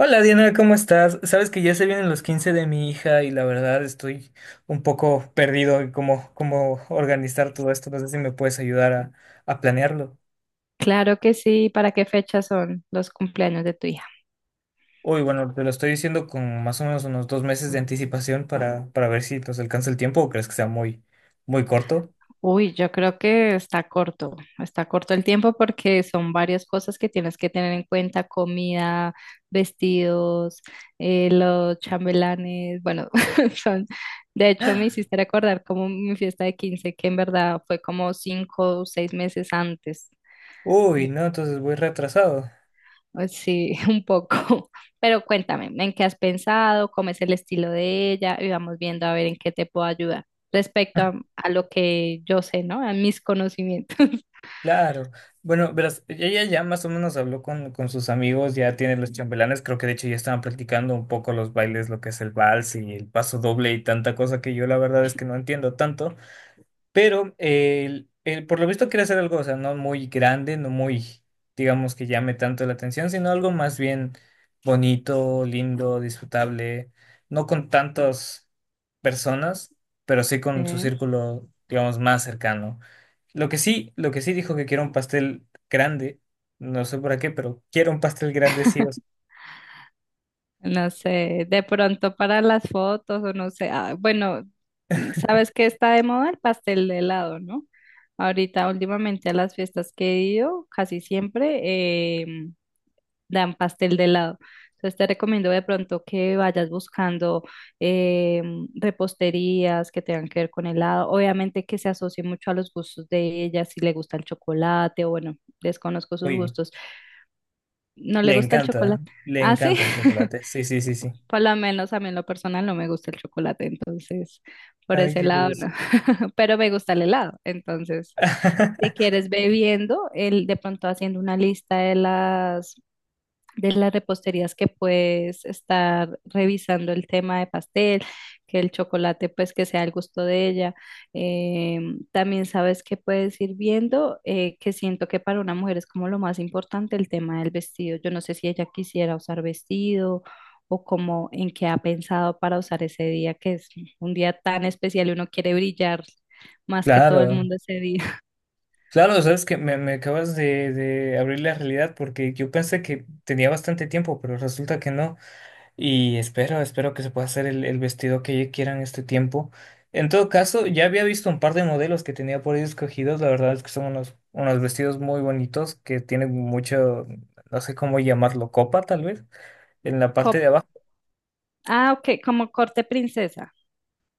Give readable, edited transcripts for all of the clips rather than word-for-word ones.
Hola Diana, ¿cómo estás? Sabes que ya se vienen los 15 de mi hija y la verdad estoy un poco perdido en cómo organizar todo esto. No sé si me puedes ayudar a planearlo. Claro que sí. ¿Para qué fecha son los cumpleaños de tu hija? Uy, bueno, te lo estoy diciendo con más o menos unos dos meses de anticipación para ver si nos alcanza el tiempo o crees que sea muy corto. Uy, yo creo que está corto el tiempo porque son varias cosas que tienes que tener en cuenta: comida, vestidos, los chambelanes. Bueno, son, de hecho me hiciste recordar como mi fiesta de quince, que en verdad fue como 5 o 6 meses antes. Uy, no, entonces voy retrasado. Pues sí, un poco. Pero cuéntame, ¿en qué has pensado? ¿Cómo es el estilo de ella? Y vamos viendo a ver en qué te puedo ayudar respecto a lo que yo sé, ¿no? A mis conocimientos. Claro. Bueno, verás, ella ya más o menos habló con sus amigos, ya tiene los chambelanes, creo que de hecho ya estaban practicando un poco los bailes, lo que es el vals y el paso doble y tanta cosa que yo la verdad es que no entiendo tanto, pero por lo visto quiere hacer algo, o sea, no muy grande, no muy, digamos, que llame tanto la atención, sino algo más bien bonito, lindo, disfrutable, no con tantas personas, pero sí Ok. con su círculo, digamos, más cercano. Lo que sí dijo que quiero un pastel grande, no sé para qué, pero quiero un pastel grande sí o sí. No sé, de pronto para las fotos o no sé. Ah, bueno, sabes que está de moda el pastel de helado, ¿no? Ahorita últimamente a las fiestas que he ido, casi siempre, em, dan pastel de helado. Entonces te recomiendo de pronto que vayas buscando eh, reposterías que tengan que ver con helado. Obviamente que se asocie mucho a los gustos de ella, si le gusta el chocolate o bueno, desconozco sus Uy, gustos. ¿No le gusta el chocolate? le Ah, sí. encanta el chocolate. Sí, sí, sí, sí. Por lo menos a mí en lo personal no me gusta el chocolate, entonces por Ay, ese qué lado no. curioso. Pero me gusta el helado, entonces si quieres bebiendo, el, de pronto haciendo una lista de las reposterías que puedes estar revisando el tema de pastel, que el chocolate pues que sea al gusto de ella. Eh, También sabes que puedes ir viendo, que siento que para una mujer es como lo más importante el tema del vestido. Yo no sé si ella quisiera usar vestido o como en qué ha pensado para usar ese día, que es un día tan especial y uno quiere brillar más que todo el Claro. mundo ese día. Claro, sabes que me acabas de abrir la realidad porque yo pensé que tenía bastante tiempo, pero resulta que no. Y espero, espero que se pueda hacer el vestido que ella quiera en este tiempo. En todo caso, ya había visto un par de modelos que tenía por ahí escogidos. La verdad es que son unos, unos vestidos muy bonitos que tienen mucho, no sé cómo llamarlo, copa tal vez, en la parte Co- de abajo. ah, ok, como corte princesa.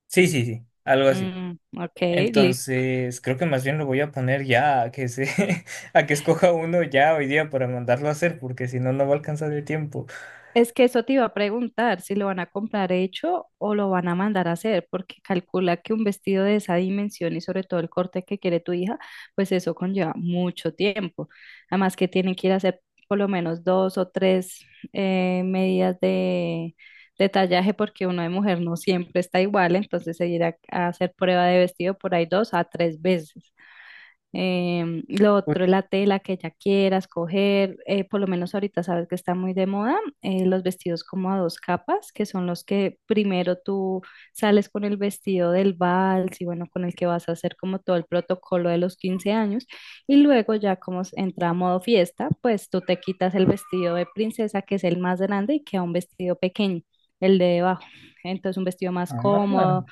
Sí, sí, sí, algo así. Mm, ok, listo. Entonces, creo que más bien lo voy a poner ya a que se, a que escoja uno ya hoy día para mandarlo a hacer, porque si no, no va a alcanzar el tiempo. Es que eso te iba a preguntar, si lo van a comprar hecho o lo van a mandar a hacer, porque calcula que un vestido de esa dimensión y sobre todo el corte que quiere tu hija, pues eso conlleva mucho tiempo. Además que tienen que ir a hacer por lo menos 2 o 3 medidas de tallaje, porque uno de mujer no siempre está igual, entonces se irá a hacer prueba de vestido por ahí 2 a 3 veces. Lo Uy, otro es la tela que ella quiera escoger, por lo menos ahorita sabes que está muy de moda, los vestidos como a dos capas, que son los que primero tú sales con el vestido del vals y bueno, con el que vas a hacer como todo el protocolo de los 15 años, y luego ya como entra a modo fiesta, pues tú te quitas el vestido de princesa, que es el más grande, y queda un vestido pequeño, el de debajo, entonces un vestido más ah, cómodo.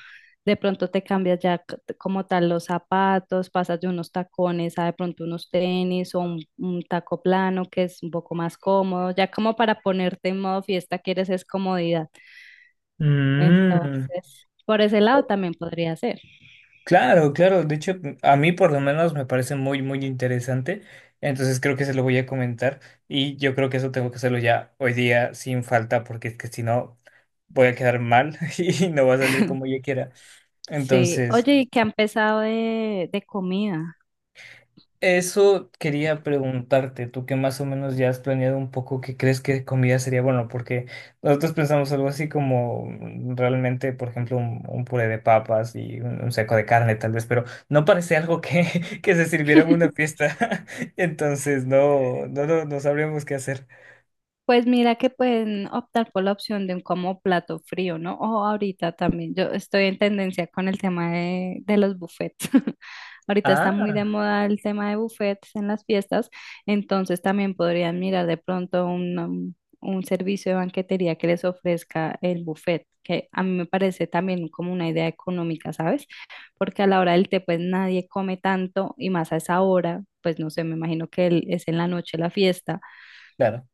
De pronto te cambias ya como tal los zapatos, pasas de unos tacones a de pronto unos tenis o un taco plano que es un poco más cómodo, ya como para ponerte en modo fiesta quieres es comodidad. mm. Entonces, por ese lado también podría ser. Claro, claro. De hecho, a mí por lo menos me parece muy interesante. Entonces creo que se lo voy a comentar y yo creo que eso tengo que hacerlo ya hoy día sin falta, porque es que si no voy a quedar mal y no va a salir como yo quiera. Sí. Entonces. Oye, ¿y qué han pensado de, comida? Eso quería preguntarte, tú que más o menos ya has planeado un poco qué crees que comida sería bueno, porque nosotros pensamos algo así como realmente, por ejemplo, un puré de papas y un seco de carne tal vez, pero no parece algo que, que se sirviera en una fiesta, entonces no, no, no, no sabríamos qué hacer. Pues mira que pueden optar por la opción de un como plato frío, ¿no? O ahorita también, yo estoy en tendencia con el tema de los buffets. Ahorita está muy Ah, de moda el tema de buffets en las fiestas, entonces también podrían mirar de pronto un servicio de banquetería que les ofrezca el buffet, que a mí me parece también como una idea económica, ¿sabes? Porque a la hora del té pues nadie come tanto y más a esa hora, pues no sé, me imagino que es en la noche la fiesta. claro,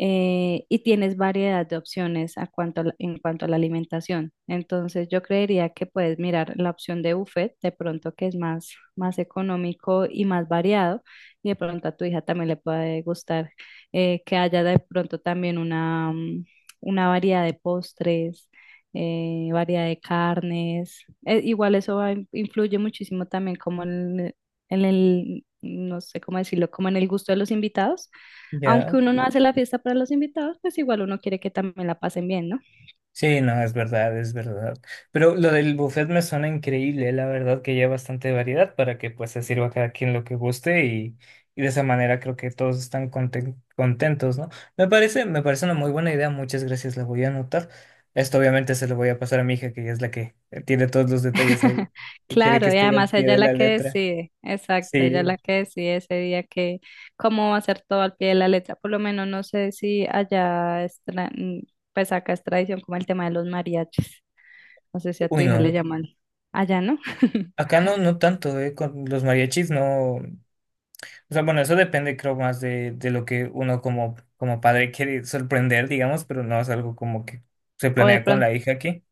Y tienes variedad de opciones a cuanto a la- en cuanto a la alimentación. Entonces, yo creería que puedes mirar la opción de buffet, de pronto que es más, más económico y más variado, y de pronto a tu hija también le puede gustar que haya de pronto también una variedad de postres, variedad de carnes. Igual eso influye muchísimo también como en el, no sé cómo decirlo, como en el gusto de los invitados, aunque ya. uno no hace la fiesta para los invitados, pues igual uno quiere que también la pasen bien, ¿no? Sí, no, es verdad, es verdad. Pero lo del buffet me suena increíble, la verdad que ya bastante variedad para que pues se sirva a cada quien lo que guste y de esa manera creo que todos están contentos, ¿no? Me parece una muy buena idea, muchas gracias, la voy a anotar. Esto obviamente se lo voy a pasar a mi hija, que ella es la que tiene todos los detalles ahí y quiere que Claro, y esté al además pie ella de es la la que letra. decide, exacto, ella es Sí. la que decide ese día que cómo va a ser todo al pie de la letra. Por lo menos no sé si allá, es pues acá es tradición como el tema de los mariachis. No sé si a tu Uy, hija le no. llaman allá, ¿no? Acá no, no tanto, ¿eh? Con los mariachis no. O sea, bueno, eso depende, creo, más de lo que uno como, como padre quiere sorprender, digamos, pero no es algo como que se O de planea con pronto, la hija aquí.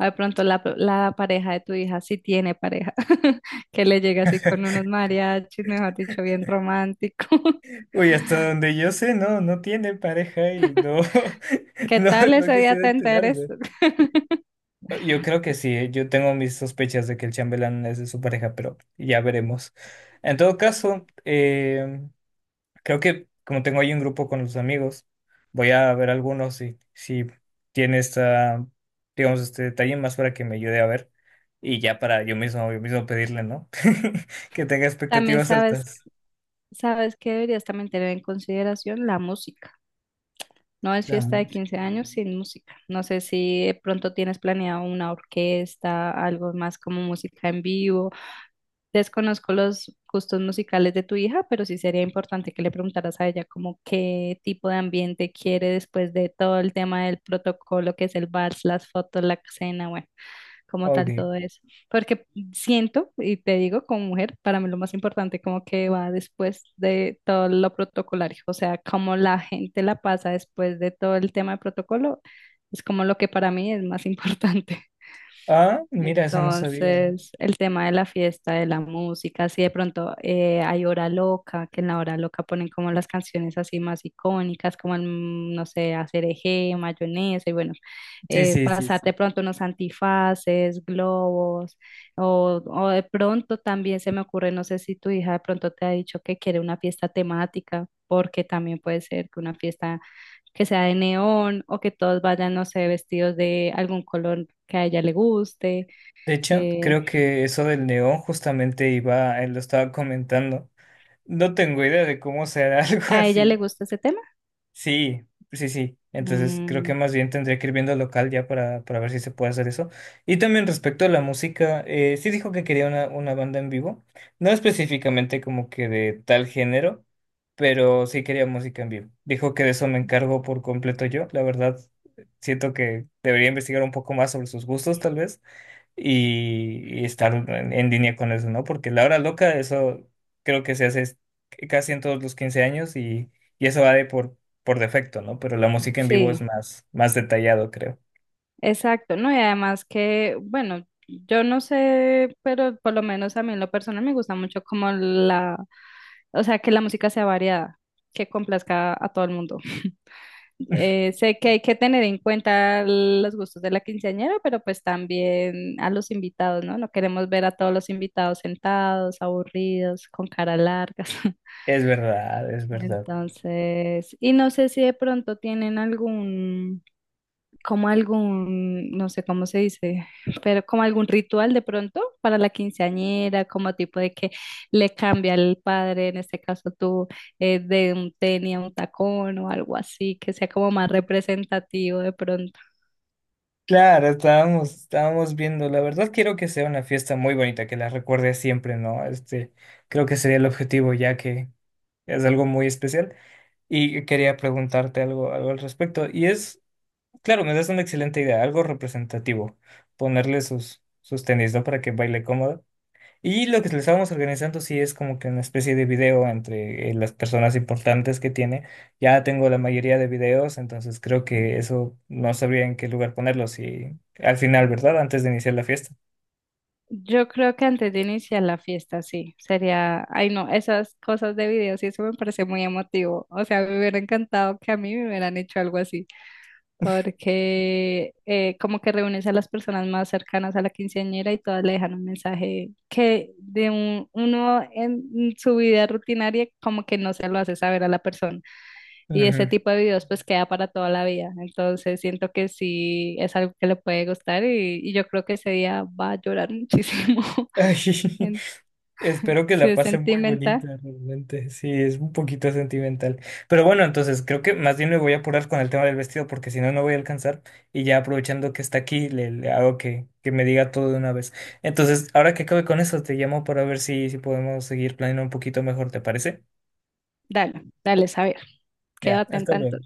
o de pronto la pareja de tu hija, si tiene pareja, que le llega así con unos mariachis, mejor dicho, bien romántico. Uy, hasta donde yo sé, no, no tiene pareja y no, ¿Qué no, tal no ese día quisiera te enteres? enterarme. Yo creo que sí, ¿eh? Yo tengo mis sospechas de que el chambelán es de su pareja, pero ya veremos. En todo caso, creo que como tengo ahí un grupo con los amigos, voy a ver algunos si tiene esta, digamos, este detalle más para que me ayude a ver y ya para yo mismo pedirle, ¿no? Que tenga También expectativas sabes, altas. sabes que deberías también tener en consideración la música. No es La fiesta de música. 15 años sin música. No sé si de pronto tienes planeado una orquesta, algo más como música en vivo. Desconozco los gustos musicales de tu hija, pero sí sería importante que le preguntaras a ella como qué tipo de ambiente quiere después de todo el tema del protocolo que es el vals, las fotos, la cena, bueno, como Ok. tal todo eso. Porque siento, y te digo, como mujer, para mí lo más importante como que va después de todo lo protocolario, o sea, como la gente la pasa después de todo el tema de protocolo, es como lo que para mí es más importante. Ah, mira, eso no sabía. Entonces, el tema de la fiesta, de la música, si de pronto hay hora loca, que en la hora loca ponen como las canciones así más icónicas, como no sé, hacer eje, mayonesa, y bueno, Sí, sí, sí, pasar sí. de pronto unos antifaces, globos, o de pronto también se me ocurre, no sé si tu hija de pronto te ha dicho que quiere una fiesta temática, porque también puede ser que una fiesta que sea de neón o que todos vayan, no sé, vestidos de algún color que a ella le guste. De hecho, eh, creo que eso del neón justamente iba, él lo estaba comentando. No tengo idea de cómo será algo ¿A ella le así. gusta ese tema? Sí, sí, sí. Entonces creo que Mm, más bien tendría que ir viendo local ya para ver si se puede hacer eso. Y también respecto a la música, sí dijo que quería una banda en vivo, no específicamente como que de tal género, pero sí quería música en vivo. Dijo que de eso me encargo por completo yo. La verdad, siento que debería investigar un poco más sobre sus gustos tal vez y estar en línea con eso, ¿no? Porque la hora loca, eso creo que se casi en todos los 15 años y eso va de por defecto, ¿no? Pero la música en vivo es sí, más, más detallado, creo. exacto, ¿no? Y además que, bueno, yo no sé, pero por lo menos a mí en lo personal me gusta mucho como o sea, que la música sea variada, que complazca a todo el mundo. Sé que hay que tener en cuenta los gustos de la quinceañera, pero pues también a los invitados, ¿no? No queremos ver a todos los invitados sentados, aburridos, con cara largas. Es verdad, es verdad. Entonces, y no sé si de pronto tienen algún, como algún, no sé cómo se dice, pero como algún ritual de pronto para la quinceañera, como tipo de que le cambia el padre, en este caso tú, de un tenis a un tacón o algo así, que sea como más representativo de pronto. Claro, estábamos, estábamos viendo. La verdad quiero que sea una fiesta muy bonita, que la recuerde siempre, ¿no? Este, creo que sería el objetivo, ya que es algo muy especial. Y quería preguntarte algo, algo al respecto. Y es claro, me das una excelente idea, algo representativo, ponerle sus, sus tenis, ¿no? Para que baile cómodo. Y lo que le estábamos organizando sí es como que una especie de video entre las personas importantes que tiene. Ya tengo la mayoría de videos, entonces creo que eso no sabría en qué lugar ponerlos y al final, ¿verdad? Antes de iniciar la fiesta. Yo creo que antes de iniciar la fiesta, sí, sería, ay no, esas cosas de videos y eso me parece muy emotivo. O sea, me hubiera encantado que a mí me hubieran hecho algo así. Porque como que reúnes a las personas más cercanas a la quinceañera y todas le dejan un mensaje que de uno en su vida rutinaria como que no se lo hace saber a la persona. Y ese Ujú. tipo de videos pues queda para toda la vida. Entonces siento que sí es algo que le puede gustar y, yo creo que ese día va a llorar muchísimo. Ay, En- espero que Si la es pasen muy sentimental, bonita, realmente. Sí, es un poquito sentimental. Pero bueno, entonces creo que más bien me voy a apurar con el tema del vestido porque si no, no voy a alcanzar. Y ya aprovechando que está aquí, le hago que me diga todo de una vez. Entonces, ahora que acabe con eso, te llamo para ver si podemos seguir planeando un poquito mejor, ¿te parece? dale, dale, saber. Ya, Quédate hasta atenta luego.